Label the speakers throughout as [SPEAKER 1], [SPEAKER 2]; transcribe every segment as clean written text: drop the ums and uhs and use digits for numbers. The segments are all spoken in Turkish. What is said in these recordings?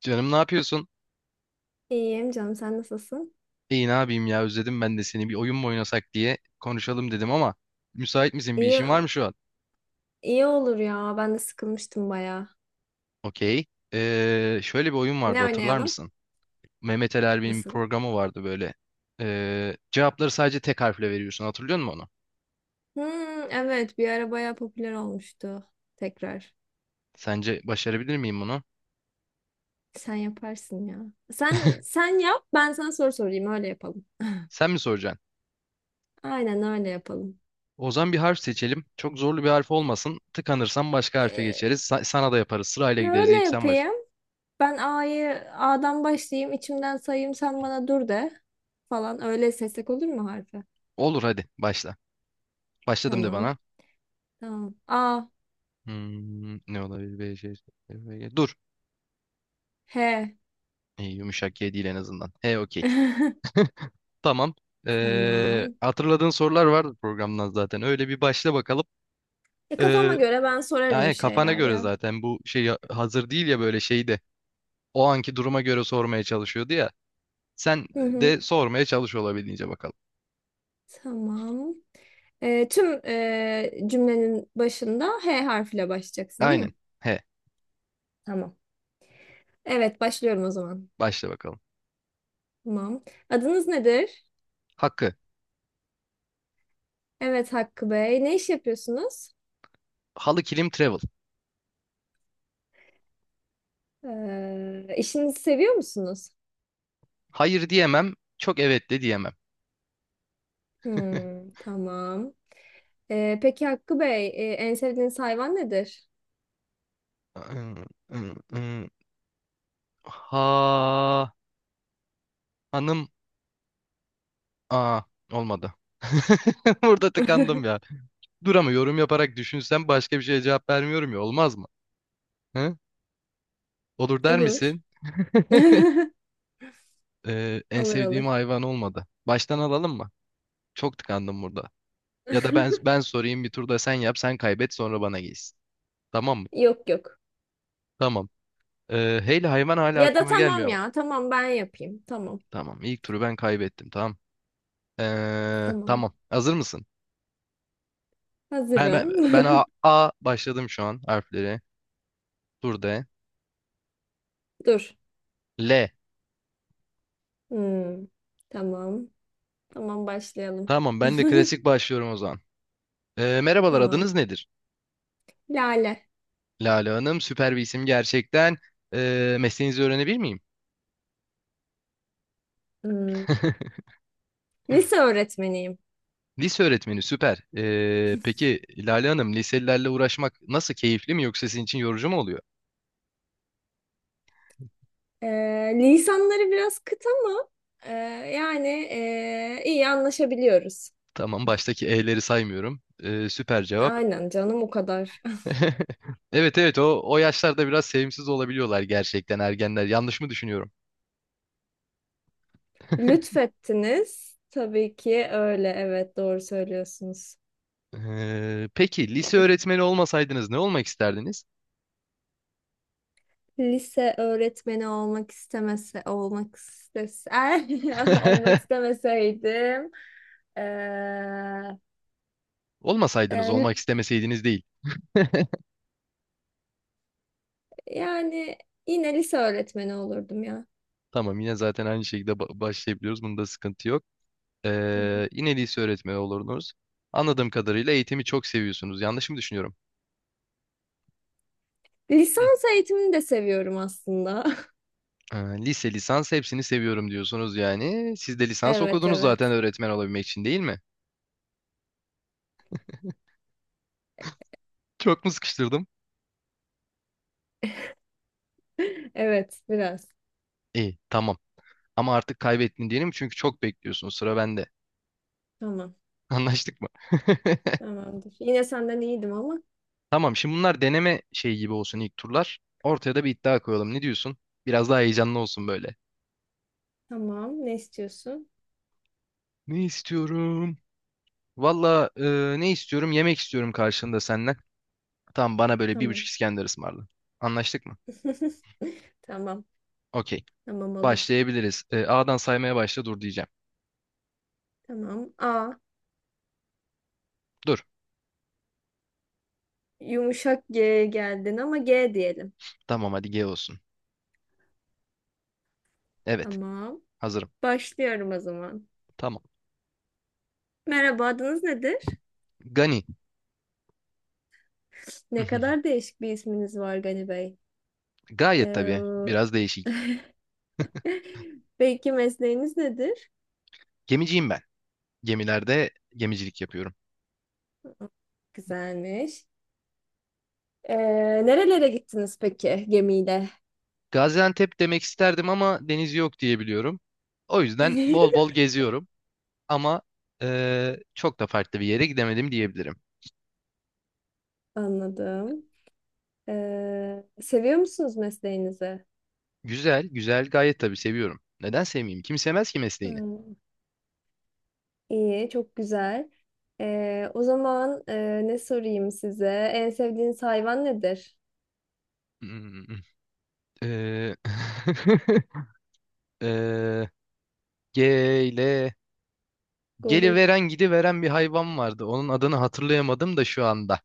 [SPEAKER 1] Canım ne yapıyorsun?
[SPEAKER 2] İyiyim canım, sen nasılsın?
[SPEAKER 1] İyi ne yapayım ya özledim ben de seni bir oyun mu oynasak diye konuşalım dedim ama müsait misin bir
[SPEAKER 2] İyi,
[SPEAKER 1] işin var mı şu an?
[SPEAKER 2] iyi olur ya, ben de sıkılmıştım bayağı.
[SPEAKER 1] Okey. Şöyle bir oyun vardı
[SPEAKER 2] Ne
[SPEAKER 1] hatırlar
[SPEAKER 2] oynayalım?
[SPEAKER 1] mısın? Mehmet Ali Erbil'in bir
[SPEAKER 2] Nasıl?
[SPEAKER 1] programı vardı böyle. Cevapları sadece tek harfle veriyorsun hatırlıyor musun onu?
[SPEAKER 2] Hmm, evet bir ara bayağı popüler olmuştu tekrar.
[SPEAKER 1] Sence başarabilir miyim bunu?
[SPEAKER 2] Sen yaparsın ya. Sen sen yap, ben sana soru sorayım, öyle yapalım.
[SPEAKER 1] Sen mi soracaksın?
[SPEAKER 2] Aynen öyle yapalım.
[SPEAKER 1] O zaman bir harf seçelim. Çok zorlu bir harf olmasın. Tıkanırsan başka harfe
[SPEAKER 2] Ee,
[SPEAKER 1] geçeriz. Sana da yaparız. Sırayla gideriz.
[SPEAKER 2] Şöyle
[SPEAKER 1] İlk sen baş.
[SPEAKER 2] yapayım. Ben A'yı A'dan başlayayım, içimden sayayım, sen bana dur de falan, öyle seslek olur mu harfi?
[SPEAKER 1] Olur hadi başla. Başladım de
[SPEAKER 2] Tamam.
[SPEAKER 1] bana.
[SPEAKER 2] Tamam. A.
[SPEAKER 1] Ne olabilir? B, C, F, G. Dur.
[SPEAKER 2] H.
[SPEAKER 1] İyi, yumuşak G değil en azından. He okey. Tamam.
[SPEAKER 2] Tamam.
[SPEAKER 1] Hatırladığın sorular vardı programdan zaten. Öyle bir başla bakalım.
[SPEAKER 2] E, kafama
[SPEAKER 1] Ee,
[SPEAKER 2] göre ben sorarım bir
[SPEAKER 1] Yani kafana
[SPEAKER 2] şeyler
[SPEAKER 1] göre
[SPEAKER 2] ya.
[SPEAKER 1] zaten bu şey hazır değil ya böyle şeyi de. O anki duruma göre sormaya çalışıyordu ya. Sen
[SPEAKER 2] Hı hı.
[SPEAKER 1] de sormaya çalış olabildiğince bakalım.
[SPEAKER 2] Tamam. E, tüm cümlenin başında H harfiyle başlayacaksın değil mi?
[SPEAKER 1] Aynen. He.
[SPEAKER 2] Tamam. Evet, başlıyorum o zaman.
[SPEAKER 1] Başla bakalım.
[SPEAKER 2] Tamam. Adınız nedir?
[SPEAKER 1] Hakkı.
[SPEAKER 2] Evet Hakkı Bey. Ne iş yapıyorsunuz?
[SPEAKER 1] Halı kilim travel.
[SPEAKER 2] E, işinizi seviyor musunuz?
[SPEAKER 1] Hayır diyemem. Çok evet de diyemem.
[SPEAKER 2] Hmm, tamam. E, peki Hakkı Bey, en sevdiğiniz hayvan nedir?
[SPEAKER 1] Ha, hanım. Aa, olmadı. Burada tıkandım ya. Dur ama yorum yaparak düşünsem başka bir şeye cevap vermiyorum ya olmaz mı? Hı? Olur der
[SPEAKER 2] Olur.
[SPEAKER 1] misin? En
[SPEAKER 2] Olur
[SPEAKER 1] sevdiğim
[SPEAKER 2] olur.
[SPEAKER 1] hayvan olmadı. Baştan alalım mı? Çok tıkandım burada. Ya da ben ben sorayım bir turda sen yap sen kaybet sonra bana gelsin. Tamam mı?
[SPEAKER 2] Yok yok.
[SPEAKER 1] Tamam. Heyli hayvan hala
[SPEAKER 2] Ya da
[SPEAKER 1] aklıma
[SPEAKER 2] tamam
[SPEAKER 1] gelmiyor.
[SPEAKER 2] ya. Tamam, ben yapayım. Tamam.
[SPEAKER 1] Tamam ilk turu ben kaybettim tamam.
[SPEAKER 2] Tamam.
[SPEAKER 1] Tamam hazır mısın? Ben, ben,
[SPEAKER 2] Hazırım.
[SPEAKER 1] ben A başladım şu an harfleri. Dur de.
[SPEAKER 2] Dur.
[SPEAKER 1] L.
[SPEAKER 2] Hmm. Tamam. Tamam, başlayalım.
[SPEAKER 1] Tamam ben de klasik başlıyorum o zaman. Merhabalar,
[SPEAKER 2] Tamam.
[SPEAKER 1] adınız nedir?
[SPEAKER 2] Lale.
[SPEAKER 1] Lale Hanım, süper bir isim gerçekten. Mesleğinizi öğrenebilir miyim?
[SPEAKER 2] Hmm. Lise öğretmeniyim.
[SPEAKER 1] Lise öğretmeni, süper. Peki Lale Hanım, liselilerle uğraşmak nasıl, keyifli mi yoksa sizin için yorucu mu oluyor?
[SPEAKER 2] Ee, Lisanları biraz kıt ama e, yani, iyi anlaşabiliyoruz.
[SPEAKER 1] Tamam, baştaki E'leri saymıyorum. Süper cevap.
[SPEAKER 2] Aynen canım, o kadar.
[SPEAKER 1] Evet evet, o yaşlarda biraz sevimsiz olabiliyorlar gerçekten ergenler. Yanlış mı düşünüyorum?
[SPEAKER 2] Lütfettiniz. Tabii ki öyle. Evet, doğru söylüyorsunuz.
[SPEAKER 1] Peki lise öğretmeni olmasaydınız ne olmak isterdiniz?
[SPEAKER 2] Lise öğretmeni olmak istemese olmak istese olmak istemeseydim eee,
[SPEAKER 1] Olmasaydınız,
[SPEAKER 2] e,
[SPEAKER 1] olmak istemeseydiniz değil.
[SPEAKER 2] yani yine lise öğretmeni olurdum ya.
[SPEAKER 1] Tamam yine zaten aynı şekilde başlayabiliyoruz. Bunda sıkıntı yok.
[SPEAKER 2] Hı hı.
[SPEAKER 1] Yine lise öğretmeni olurdunuz. Anladığım kadarıyla eğitimi çok seviyorsunuz. Yanlış mı düşünüyorum? Hı.
[SPEAKER 2] Lisans eğitimini de seviyorum aslında.
[SPEAKER 1] Ee, Lise, lisans hepsini seviyorum diyorsunuz yani. Siz de lisans
[SPEAKER 2] Evet
[SPEAKER 1] okudunuz zaten
[SPEAKER 2] evet.
[SPEAKER 1] öğretmen olabilmek için değil mi? Çok mu sıkıştırdım?
[SPEAKER 2] Evet, biraz.
[SPEAKER 1] İyi tamam. Ama artık kaybettin diyelim çünkü çok bekliyorsun. Sıra bende.
[SPEAKER 2] Tamam.
[SPEAKER 1] Anlaştık mı?
[SPEAKER 2] Tamamdır. Yine senden iyiydim ama.
[SPEAKER 1] Tamam şimdi bunlar deneme şey gibi olsun ilk turlar. Ortaya da bir iddia koyalım. Ne diyorsun? Biraz daha heyecanlı olsun böyle.
[SPEAKER 2] Tamam. Ne istiyorsun?
[SPEAKER 1] Ne istiyorum? Valla ne istiyorum? Yemek istiyorum karşılığında senden. Tamam bana böyle bir buçuk
[SPEAKER 2] Tamam.
[SPEAKER 1] İskender ısmarla. Anlaştık mı?
[SPEAKER 2] Tamam.
[SPEAKER 1] Okey.
[SPEAKER 2] Tamam olur.
[SPEAKER 1] Başlayabiliriz. A'dan saymaya başla dur diyeceğim.
[SPEAKER 2] Tamam. A.
[SPEAKER 1] Dur.
[SPEAKER 2] Yumuşak G geldin ama G diyelim.
[SPEAKER 1] Tamam hadi G olsun. Evet.
[SPEAKER 2] Tamam.
[SPEAKER 1] Hazırım.
[SPEAKER 2] Başlıyorum o zaman.
[SPEAKER 1] Tamam.
[SPEAKER 2] Merhaba, adınız nedir?
[SPEAKER 1] Gani.
[SPEAKER 2] Ne kadar değişik bir isminiz var Gani Bey.
[SPEAKER 1] Gayet tabii.
[SPEAKER 2] Ee,
[SPEAKER 1] Biraz değişik.
[SPEAKER 2] peki mesleğiniz nedir?
[SPEAKER 1] Gemiciyim ben. Gemilerde gemicilik yapıyorum.
[SPEAKER 2] Güzelmiş. Ee, Nerelere gittiniz peki gemiyle?
[SPEAKER 1] Gaziantep demek isterdim ama deniz yok diye biliyorum. O yüzden bol bol geziyorum. Ama çok da farklı bir yere gidemedim diyebilirim.
[SPEAKER 2] Anladım. Seviyor musunuz mesleğinizi?
[SPEAKER 1] Güzel, güzel gayet tabii seviyorum. Neden sevmeyeyim? Kim sevmez ki mesleğini?
[SPEAKER 2] Hmm, iyi, çok güzel. O zaman, ne sorayım size? En sevdiğiniz hayvan nedir?
[SPEAKER 1] Hmm, eee, eee, gele,
[SPEAKER 2] Goril.
[SPEAKER 1] geliveren gidiveren bir hayvan vardı. Onun adını hatırlayamadım da şu anda.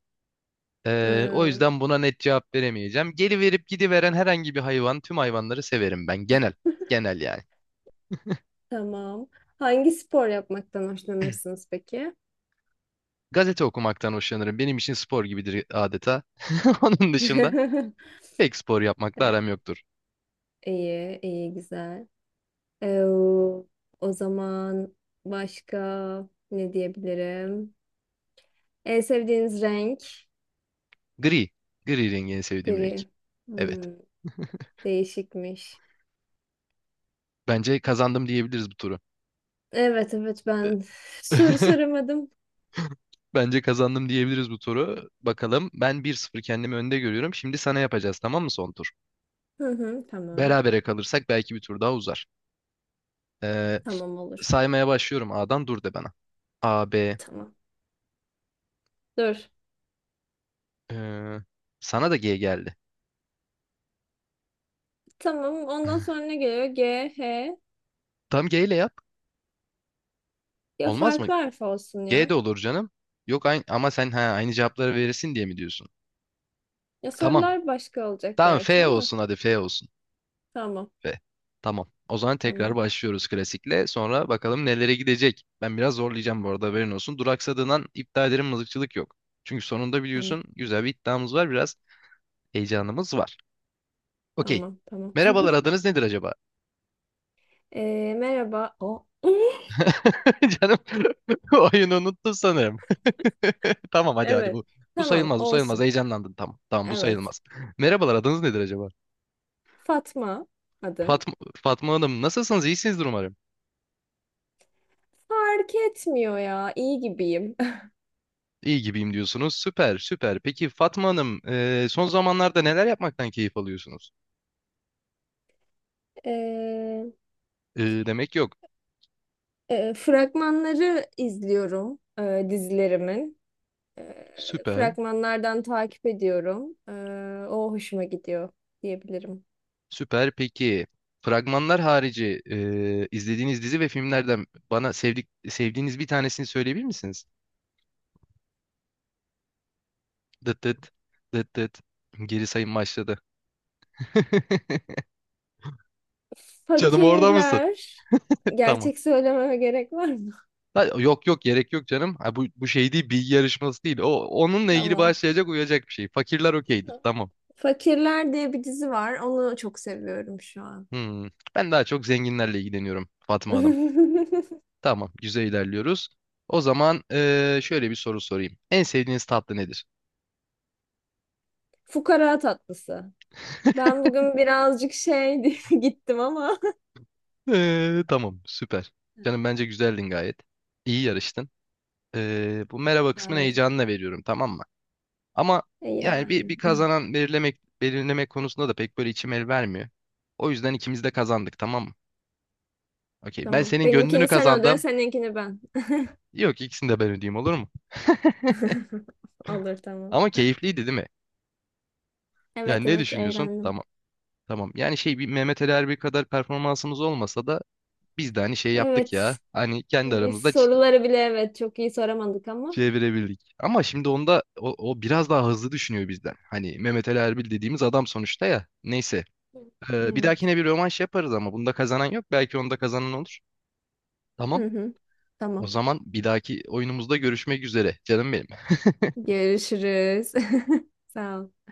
[SPEAKER 1] O
[SPEAKER 2] Hmm.
[SPEAKER 1] yüzden buna net cevap veremeyeceğim. Geliverip gidiveren herhangi bir hayvan, tüm hayvanları severim ben. Genel, genel yani.
[SPEAKER 2] Tamam. Hangi spor yapmaktan hoşlanırsınız peki?
[SPEAKER 1] Gazete okumaktan hoşlanırım. Benim için spor gibidir adeta. Onun dışında pek spor yapmakla
[SPEAKER 2] E,
[SPEAKER 1] aram yoktur.
[SPEAKER 2] İyi, iyi, güzel. Ee, O zaman başka ne diyebilirim? En sevdiğiniz renk
[SPEAKER 1] Gri, gri rengi en sevdiğim renk.
[SPEAKER 2] gri.
[SPEAKER 1] Evet.
[SPEAKER 2] Hmm, değişikmiş.
[SPEAKER 1] Bence kazandım diyebiliriz bu turu.
[SPEAKER 2] Evet, evet ben soru soramadım.
[SPEAKER 1] Bence kazandım diyebiliriz bu turu. Bakalım ben 1-0 kendimi önde görüyorum. Şimdi sana yapacağız tamam mı son tur?
[SPEAKER 2] Hı hı, tamam.
[SPEAKER 1] Berabere kalırsak belki bir tur daha uzar. Ee,
[SPEAKER 2] Tamam olur.
[SPEAKER 1] Saymaya başlıyorum A'dan dur de bana. A, B.
[SPEAKER 2] Tamam. Dur.
[SPEAKER 1] ee, Sana da G geldi.
[SPEAKER 2] Tamam. Ondan sonra ne geliyor? G, H.
[SPEAKER 1] Tam G ile yap.
[SPEAKER 2] Ya
[SPEAKER 1] Olmaz mı?
[SPEAKER 2] farklı harf olsun
[SPEAKER 1] G
[SPEAKER 2] ya.
[SPEAKER 1] de olur canım. Yok aynı, ama sen aynı cevapları verirsin diye mi diyorsun?
[SPEAKER 2] Ya
[SPEAKER 1] Tamam.
[SPEAKER 2] sorular başka olacak
[SPEAKER 1] Tamam F
[SPEAKER 2] gerçi ama.
[SPEAKER 1] olsun hadi F olsun.
[SPEAKER 2] Tamam.
[SPEAKER 1] Ve tamam. O zaman tekrar
[SPEAKER 2] Tamam.
[SPEAKER 1] başlıyoruz klasikle. Sonra bakalım nelere gidecek. Ben biraz zorlayacağım bu arada haberin olsun. Duraksadığından iptal ederim mızıkçılık yok. Çünkü sonunda
[SPEAKER 2] Tamam.
[SPEAKER 1] biliyorsun güzel bir iddiamız var. Biraz heyecanımız var. Okey.
[SPEAKER 2] Tamam. Tamam.
[SPEAKER 1] Merhabalar adınız nedir acaba?
[SPEAKER 2] Merhaba. O.
[SPEAKER 1] Canım oyunu unuttum sanırım. Tamam hadi hadi
[SPEAKER 2] Evet.
[SPEAKER 1] bu. Bu
[SPEAKER 2] Tamam.
[SPEAKER 1] sayılmaz bu sayılmaz.
[SPEAKER 2] Olsun.
[SPEAKER 1] Heyecanlandın tamam. Tamam bu
[SPEAKER 2] Evet.
[SPEAKER 1] sayılmaz. Merhabalar adınız nedir acaba?
[SPEAKER 2] Fatma adım.
[SPEAKER 1] Fatma, Fatma Hanım nasılsınız? İyisinizdir umarım.
[SPEAKER 2] Fark etmiyor ya. İyi gibiyim.
[SPEAKER 1] İyi gibiyim diyorsunuz. Süper, süper. Peki Fatma Hanım, son zamanlarda neler yapmaktan keyif alıyorsunuz?
[SPEAKER 2] Ee,
[SPEAKER 1] E, demek yok.
[SPEAKER 2] Fragmanları izliyorum, dizilerimin.
[SPEAKER 1] Süper,
[SPEAKER 2] Fragmanlardan takip ediyorum. O hoşuma gidiyor diyebilirim.
[SPEAKER 1] süper. Peki fragmanlar harici izlediğiniz dizi ve filmlerden bana sevdiğiniz bir tanesini söyleyebilir misiniz? Dıt dıt, dıt dıt. Geri sayım başladı. Canım orada mısın?
[SPEAKER 2] Fakirler.
[SPEAKER 1] Tamam.
[SPEAKER 2] Gerçek söylememe gerek var mı?
[SPEAKER 1] Ha, yok yok gerek yok canım. Ha, bu şey değil bilgi yarışması değil. Onunla ilgili başlayacak uyacak bir şey. Fakirler okeydir.
[SPEAKER 2] Tamam.
[SPEAKER 1] Tamam.
[SPEAKER 2] Fakirler diye bir dizi var. Onu çok seviyorum şu an.
[SPEAKER 1] Hmm. Ben daha çok zenginlerle ilgileniyorum Fatma Hanım. Tamam, güzel ilerliyoruz. O zaman şöyle bir soru sorayım. En sevdiğiniz tatlı nedir?
[SPEAKER 2] Fukara tatlısı. Ben bugün birazcık şey diye gittim ama.
[SPEAKER 1] Tamam, süper. Canım bence güzeldin gayet. İyi yarıştın. Bu merhaba kısmını
[SPEAKER 2] Sağ olun.
[SPEAKER 1] heyecanına veriyorum, tamam mı? Ama
[SPEAKER 2] E
[SPEAKER 1] yani bir,
[SPEAKER 2] yani.
[SPEAKER 1] bir kazanan belirlemek konusunda da pek böyle içim el vermiyor. O yüzden ikimiz de kazandık, tamam mı? Okey, ben
[SPEAKER 2] Tamam.
[SPEAKER 1] senin gönlünü
[SPEAKER 2] Benimkini sen öde,
[SPEAKER 1] kazandım.
[SPEAKER 2] seninkini ben.
[SPEAKER 1] Yok, ikisini de ben ödeyeyim olur mu?
[SPEAKER 2] Olur tamam.
[SPEAKER 1] Ama keyifliydi değil mi? Yani
[SPEAKER 2] Evet
[SPEAKER 1] ne
[SPEAKER 2] evet,
[SPEAKER 1] düşünüyorsun?
[SPEAKER 2] eğlendim.
[SPEAKER 1] Tamam. Tamam. Yani şey bir Mehmet Ali Erbil kadar performansımız olmasa da biz de hani şey yaptık
[SPEAKER 2] Evet.
[SPEAKER 1] ya. Hani kendi
[SPEAKER 2] Biz
[SPEAKER 1] aramızda
[SPEAKER 2] soruları bile evet çok iyi soramadık ama.
[SPEAKER 1] çevirebildik. Ama şimdi onda o biraz daha hızlı düşünüyor bizden. Hani Mehmet Ali Erbil dediğimiz adam sonuçta ya. Neyse. Bir
[SPEAKER 2] Evet.
[SPEAKER 1] dahakine bir rövanş yaparız ama bunda kazanan yok. Belki onda kazanan olur. Tamam.
[SPEAKER 2] Hı hı.
[SPEAKER 1] O
[SPEAKER 2] Tamam.
[SPEAKER 1] zaman bir dahaki oyunumuzda görüşmek üzere. Canım benim.
[SPEAKER 2] Görüşürüz. Sağ ol.